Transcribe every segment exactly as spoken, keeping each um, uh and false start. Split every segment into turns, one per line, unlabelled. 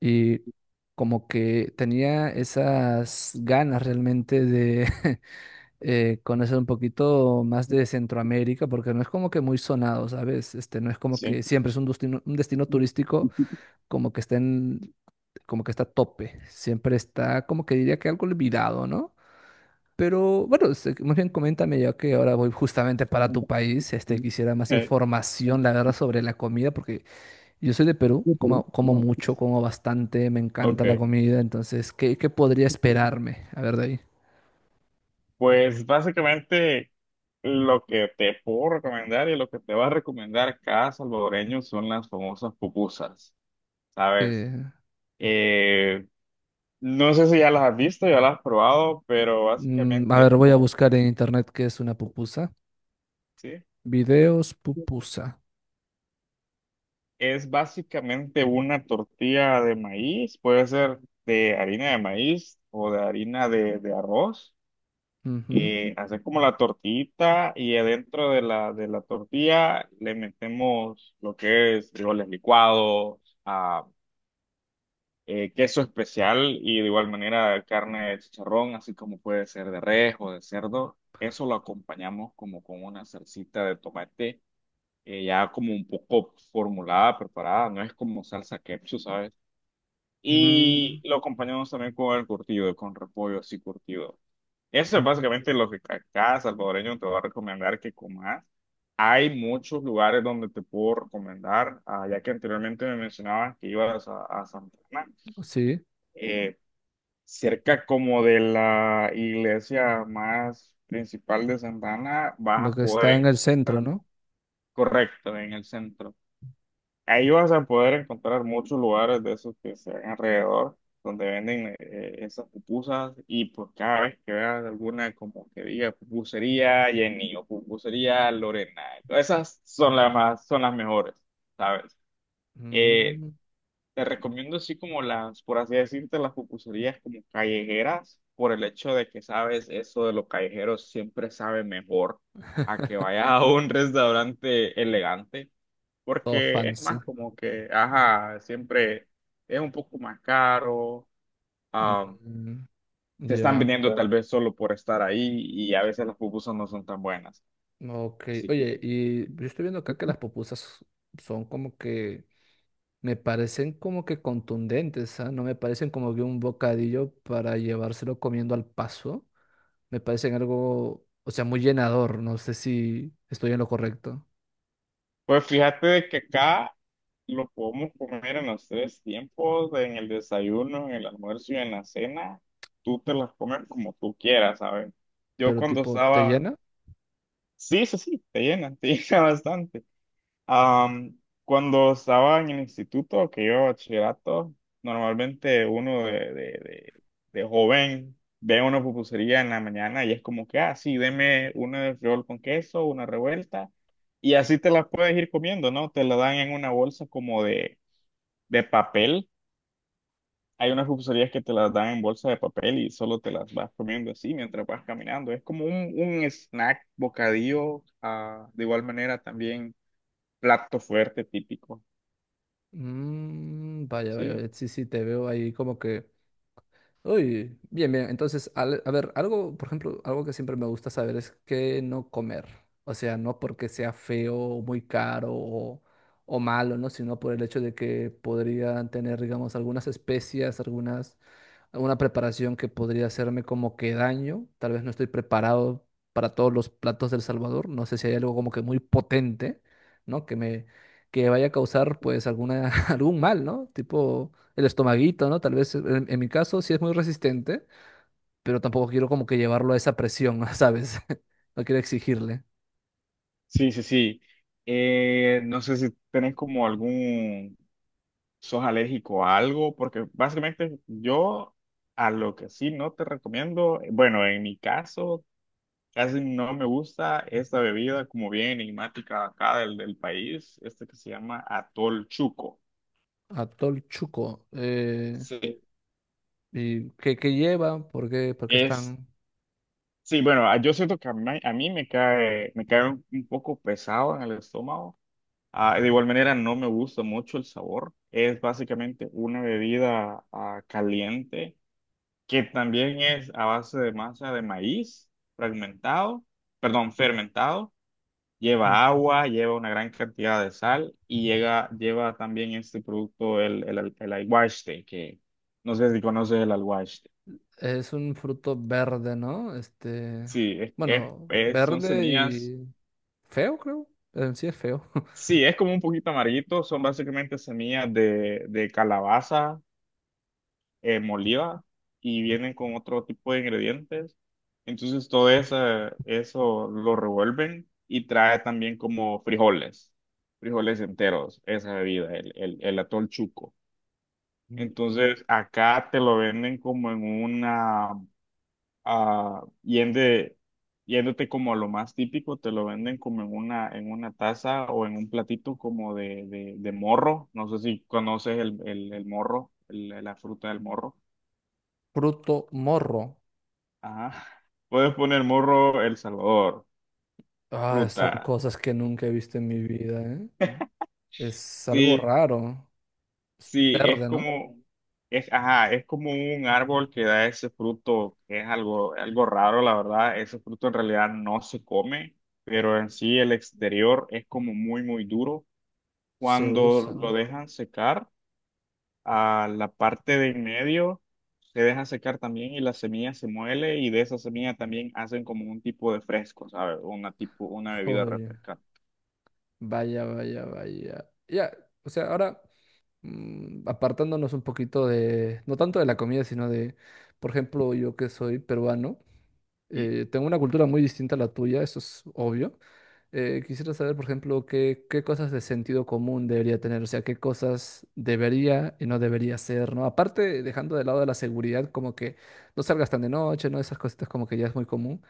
Y como que tenía esas ganas realmente de eh, conocer un poquito más
Sí,
de Centroamérica, porque no es como que muy sonado, ¿sabes? Este, no es como
sí,
que siempre es un destino, un destino turístico como que está en- como que está a tope. Siempre está como que diría que algo olvidado, ¿no? Pero bueno, este, más bien coméntame ya que ahora voy justamente para tu país, este, quisiera más
eh,
información, la verdad, sobre la comida, porque yo soy de Perú, como, como
no.
mucho, como bastante, me
Ok.
encanta la comida, entonces, ¿qué, qué podría esperarme? A ver, de ahí.
Pues básicamente lo que te puedo recomendar y lo que te va a recomendar cada salvadoreño son las famosas pupusas, ¿sabes?
eh,
Eh, no sé si ya las has visto, ya las has probado, pero
mm, a
básicamente,
ver, voy a
oh,
buscar en internet qué es una pupusa.
¿sí?
Videos pupusa.
Es básicamente una tortilla de maíz, puede ser de harina de maíz o de harina de, de arroz.
Ujú.
Y haces como la tortita y adentro de la, de la tortilla le metemos lo que es frijoles licuados, ah, eh, queso especial y de igual manera carne de chicharrón, así como puede ser de res o de cerdo. Eso lo acompañamos como con una salsita de tomate eh, ya como un poco formulada, preparada. No es como salsa ketchup, ¿sabes?
Mm,
Y lo acompañamos también con el curtido, con repollo así curtido. Eso es básicamente lo que ca- cada salvadoreño te va a recomendar que comas. Hay muchos lugares donde te puedo recomendar, ah, ya que anteriormente me mencionabas que ibas a, a Santana,
sí,
eh, cerca como de la iglesia más principal de Santana, vas
lo
a
que está en
poder
el centro,
encontrar,
¿no?
correcto, en el centro. Ahí vas a poder encontrar muchos lugares de esos que se ven alrededor, donde venden eh, esas pupusas, y pues cada vez que veas alguna como que diga pupusería Jenny o pupusería Lorena, todas esas son las más, son las mejores, ¿sabes? Eh,
Mm.
Te recomiendo así como las, por así decirte, las pupuserías como callejeras, por el hecho de que sabes, eso de los callejeros siempre sabe mejor a que vayas a un restaurante elegante,
Todo
porque es más
fancy.
como que, ajá, siempre es un poco más caro, ah,
Mm,
te están
ya.
vendiendo tal vez solo por estar ahí y a veces las pupusas no son tan buenas.
Ok.
Así
Oye,
que,
y yo estoy viendo acá que las pupusas son como que me parecen como que contundentes, ¿ah? No me parecen como que un bocadillo para llevárselo comiendo al paso. Me parecen algo, o sea, muy llenador. No sé si estoy en lo correcto,
pues fíjate de que acá lo podemos comer en los tres tiempos, en el desayuno, en el almuerzo y en la cena. Tú te las comes como tú quieras, ¿sabes? Yo
pero
cuando
tipo, ¿te
estaba.
llena?
Sí, sí, sí, te llenan, te llena bastante. Am, Cuando estaba en el instituto, que yo bachillerato, normalmente uno de, de, de, de joven ve una pupusería en la mañana y es como que, ah, sí, deme una de frijol con queso, una revuelta. Y así te las puedes ir comiendo, ¿no? Te la dan en una bolsa como de de papel. Hay unas pulserías que te las dan en bolsa de papel y solo te las vas comiendo así mientras vas caminando. Es como un, un snack, bocadillo, ah, de igual manera también plato fuerte típico.
Mm, vaya, vaya,
Sí,
vaya, sí, sí, te veo ahí como que uy, bien, bien. Entonces, al- a ver, algo, por ejemplo, algo que siempre me gusta saber es qué no comer. O sea, no porque sea feo o muy caro o, o malo, ¿no? Sino por el hecho de que podrían tener, digamos, algunas especias, algunas una preparación que podría hacerme como que daño. Tal vez no estoy preparado para todos los platos del Salvador. No sé si hay algo como que muy potente, ¿no? Que me que vaya a causar pues alguna algún mal, ¿no? Tipo el estomaguito, ¿no? Tal vez en, en mi caso sí es muy resistente, pero tampoco quiero como que llevarlo a esa presión, ¿sabes? No quiero exigirle.
sí, sí, sí. Eh, no sé si tenés como algún, sos alérgico a algo, porque básicamente yo, a lo que sí no te recomiendo, eh, bueno, en mi caso casi no me gusta esta bebida como bien enigmática acá del, del país, este que se llama Atol Chuco.
Atol Chuco. Eh,
Sí,
¿y qué, qué lleva? ¿Por qué, por qué
es,
están?
sí, bueno, ah, yo siento que a mí, a mí me cae, me cae un, un poco pesado en el estómago. Ah, de igual manera no me gusta mucho el sabor. Es básicamente una bebida ah, caliente, que también es a base de masa de maíz fragmentado, perdón, fermentado.
Mm.
Lleva agua, lleva una gran cantidad de sal y llega, lleva también este producto, el, el, al- el alguaste, que no sé si conoces el alguaste.
¿Es un fruto verde, no? Este,
Sí, es, es,
bueno,
es- son
verde
semillas,
y feo, creo. En sí es feo.
sí, es como un poquito amarguito, son básicamente semillas de, de calabaza eh, molida, y vienen con otro tipo de ingredientes. Entonces todo eso, eso lo revuelven y trae también como frijoles, frijoles enteros, esa bebida, el, el, el atol chuco. Entonces, acá te lo venden como en una, ah, yende- yéndote como a lo más típico, te lo venden como en una, en una taza o en un platito como de, de, de morro. No sé si conoces el, el, el morro, el- la fruta del morro.
Fruto morro.
Ajá. Puedes poner morro El Salvador,
Ah, son
fruta.
cosas que nunca he visto en mi vida, ¿eh? Es algo
Sí,
raro. Es
sí, es
verde, ¿no?
como, es, ajá, es como un árbol que da ese fruto, que es algo, algo raro, la verdad. Ese fruto en realidad no se come, pero en sí el exterior es como muy, muy duro.
Se
Cuando
usa.
lo dejan secar, a la parte de en medio se deja secar también, y la semilla se muele, y de esa semilla también hacen como un tipo de fresco, ¿sabes? Una tipo, una bebida
Oye,
refrescante.
vaya, vaya, vaya. Ya, o sea, ahora mm, apartándonos un poquito de, no tanto de la comida, sino de, por ejemplo, yo que soy peruano.
¿Mm?
Eh, tengo una cultura muy distinta a la tuya, eso es obvio. Eh, quisiera saber, por ejemplo, qué, qué cosas de sentido común debería tener, o sea, qué cosas debería y no debería ser, ¿no? Aparte, dejando de lado la seguridad, como que no salgas tan de noche, ¿no? Esas cositas como que ya es muy común.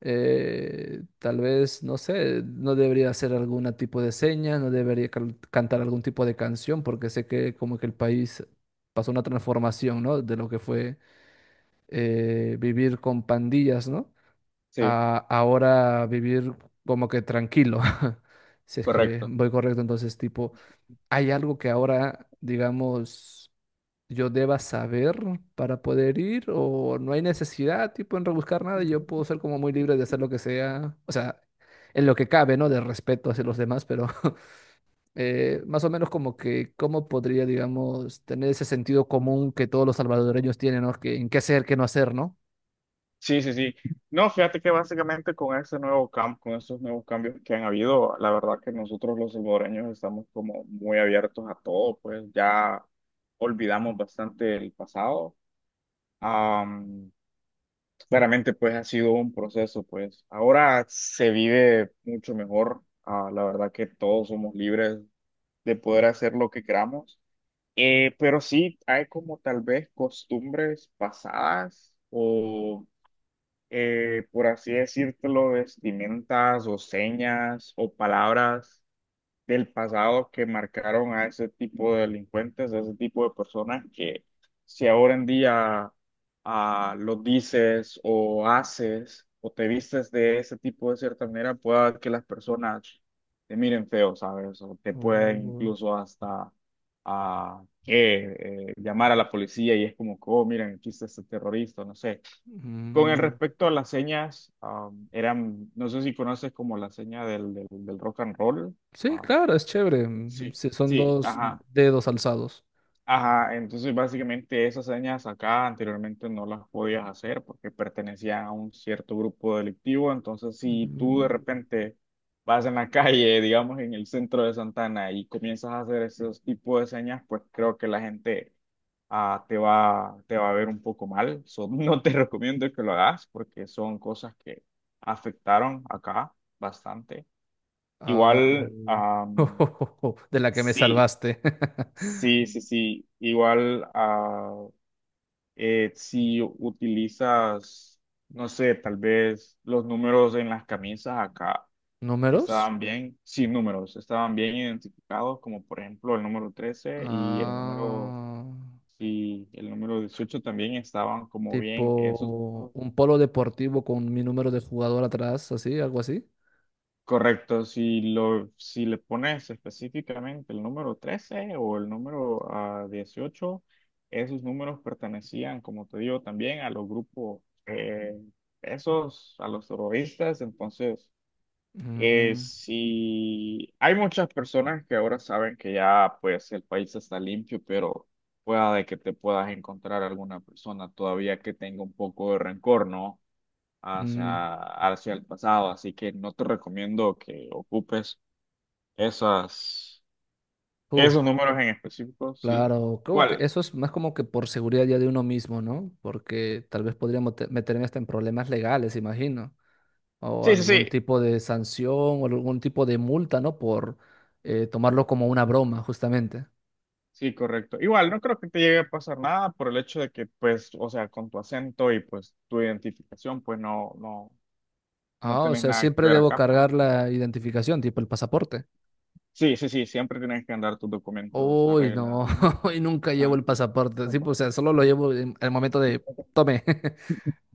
Eh, tal vez, no sé, no debería hacer algún tipo de seña, no debería cal- cantar algún tipo de canción, porque sé que como que el país pasó una transformación, ¿no? De lo que fue eh, vivir con pandillas, ¿no?
Sí,
A ahora vivir como que tranquilo, si es que
correcto.
voy correcto. Entonces, tipo, ¿hay algo que ahora, digamos, yo deba saber para poder ir o no hay necesidad, tipo, en rebuscar nada? Y yo puedo ser como muy libre de hacer lo que sea, o sea, en lo que cabe, ¿no? De respeto hacia los demás, pero eh, más o menos como que, ¿cómo podría, digamos, tener ese sentido común que todos los salvadoreños tienen, ¿no? Que, en qué hacer, qué no hacer, ¿no?
Sí, sí, sí. No, fíjate que básicamente con ese nuevo cam- con esos nuevos cambios que han habido, la verdad que nosotros los salvadoreños estamos como muy abiertos a todo, pues ya olvidamos bastante el pasado. Am, Claramente, pues ha sido un proceso, pues ahora se vive mucho mejor. Ah, la verdad que todos somos libres de poder hacer lo que queramos. Eh, pero sí, hay como tal vez costumbres pasadas o eh, por así decírtelo, vestimentas o señas o palabras del pasado que marcaron a ese tipo de delincuentes, a ese tipo de personas, que si ahora en día ah, lo dices o haces o te vistes de ese tipo de cierta manera, pueda que las personas te miren feo, ¿sabes? O te pueden
O,
incluso hasta, a que eh, llamar a la policía, y es como, que, oh, miren, aquí está este terrorista, no sé. Con el
mm.
respecto a las señas, am, eran, no sé si conoces como la seña del, del, del rock and roll.
Sí,
ah,
claro, es chévere. Mm,
sí,
sí, son
sí,
dos
ajá.
dedos alzados.
Ajá, entonces básicamente esas señas acá anteriormente no las podías hacer porque pertenecían a un cierto grupo delictivo, entonces si tú
Mm,
de repente vas en la calle, digamos en el centro de Santana, y comienzas a hacer esos tipos de señas, pues creo que la gente ah, te va, te va a ver un poco mal. So, no te recomiendo que lo hagas, porque son cosas que afectaron acá bastante.
ah,
Igual, am,
de la que me
sí,
salvaste.
sí, sí, sí. Igual, ah, eh, si utilizas, no sé, tal vez los números en las camisas, acá
¿Números?
estaban bien, sin números, estaban bien identificados, como por ejemplo el número trece y el número,
Ah,
y el número dieciocho, también estaban como bien esos
tipo
números.
un polo deportivo con mi número de jugador atrás, así, algo así.
Correcto, si lo, si le pones específicamente el número trece o el número ah, dieciocho, esos números pertenecían, como te digo, también a los grupos, eh, esos, a los terroristas. Entonces, eh,
Mm,
si hay muchas personas que ahora saben que ya pues el país está limpio, pero pueda de que te puedas encontrar alguna persona todavía que tenga un poco de rencor, ¿no?
mm,
hacia, hacia el pasado, así que no te recomiendo que ocupes esas,
uf,
esos números en específico, sí.
claro, como que
Igual,
eso es más como que por seguridad ya de uno mismo, ¿no? Porque tal vez podría mote- meterme hasta en problemas legales, imagino. O
sí, sí,
algún
sí.
tipo de sanción o algún tipo de multa, ¿no? Por eh, tomarlo
Ujú.
como una broma, justamente.
Sí, correcto. Igual, no creo que te llegue a pasar nada, por el hecho de que, pues, o sea, con tu acento y pues tu identificación, pues no, no, no
Ah, o
tenés
sea,
nada que
siempre
ver
debo
acá, pues.
cargar la identificación, tipo el pasaporte.
Sí, sí, sí, siempre tienes que andar tus documentos a
Uy,
regla.
no, y nunca llevo
Ajá.
el pasaporte. Sí, pues, o sea, solo lo llevo en el momento de tome.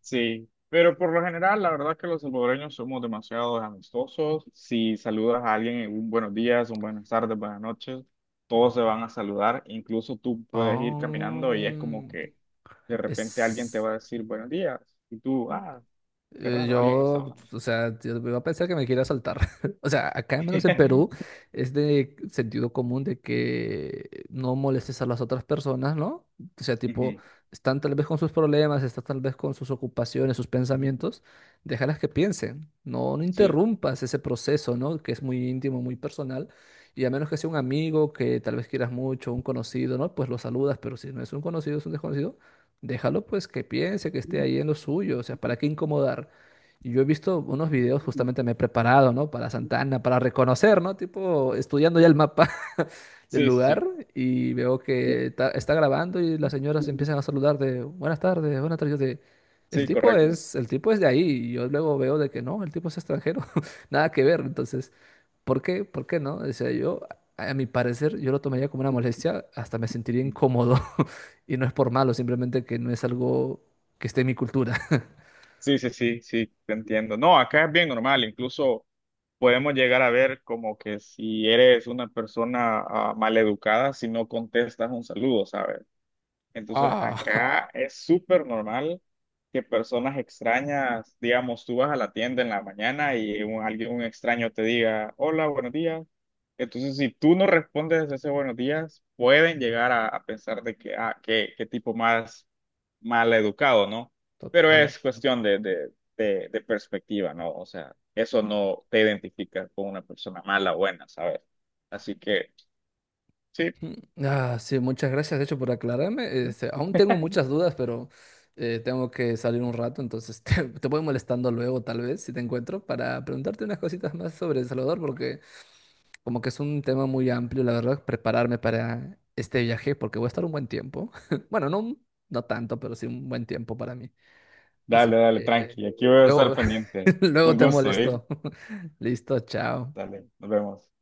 Sí, pero por lo general, la verdad es que los salvadoreños somos demasiado amistosos. Si saludas a alguien en un buenos días, un buenas tardes, buenas noches, todos se van a saludar. Incluso tú puedes ir caminando y es como
Oh,
que de repente alguien te
es.
va a decir buenos días y tú, ah, qué
Eh,
raro, alguien me está
Yo,
hablando.
o sea, yo iba a pensar que me quiere asaltar. O sea, acá al menos en Perú es de sentido común de que no molestes a las otras personas, ¿no? O sea, tipo,
Ujú,
están tal vez con sus problemas, están tal vez con sus ocupaciones, sus pensamientos, déjalas que piensen. No, no
sí,
interrumpas ese proceso, ¿no? Que es muy íntimo, muy personal. Y a menos que sea un amigo que tal vez quieras mucho, un conocido, ¿no? Pues lo saludas, pero si no es un conocido, es un desconocido. Déjalo pues que piense, que esté ahí en lo suyo, o sea, ¿para qué incomodar? Y yo he visto unos videos,
sí,
justamente me he preparado, ¿no? Para Santana, para reconocer, ¿no? Tipo, estudiando ya el mapa del
sí,
lugar
sí,
y veo que ta- está, grabando y las señoras empiezan a saludar de buenas tardes, buenas tardes. Yo de, el
sí,
tipo
correcto.
es, el tipo es de ahí. Y yo luego veo de que no, el tipo es extranjero, nada que ver. Entonces, ¿por qué? ¿Por qué no? Decía yo, a a mi parecer, yo lo tomaría como una molestia, hasta me sentiría incómodo. Y no es por malo, simplemente que no es algo que esté en mi cultura.
Sí, sí, sí, sí, te entiendo. No, acá es bien normal, incluso. Podemos llegar a ver como que si eres una persona mal maleducada si no contestas un saludo, ¿sabes? Entonces,
Ah,
acá es súper normal que personas extrañas, digamos, tú vas a la tienda en la mañana y un, alguien, un extraño te diga, hola, buenos días. Entonces, si tú no respondes ese buenos días, pueden llegar a, a pensar de que, ah, qué, qué tipo más mal educado, ¿no? Pero
total.
es cuestión de, de, de, de perspectiva, ¿no? O sea, eso no te identifica con una persona mala o buena, ¿sabes? Así que, sí.
Ah, sí, muchas gracias, de hecho, por aclararme. Este, aún tengo muchas dudas, pero eh, tengo que salir un rato, entonces te, te voy molestando luego, tal vez, si te encuentro, para preguntarte unas cositas más sobre El Salvador, porque como que es un tema muy amplio, la verdad, prepararme para este viaje, porque voy a estar un buen tiempo. Bueno, no, un- no tanto, pero sí un buen tiempo para mí. Así
Dale, dale,
que
tranqui. Aquí voy a estar
luego,
pendiente.
luego
Un
te
gusto, ¿eh?
molesto. Listo, chao.
Dale, nos vemos.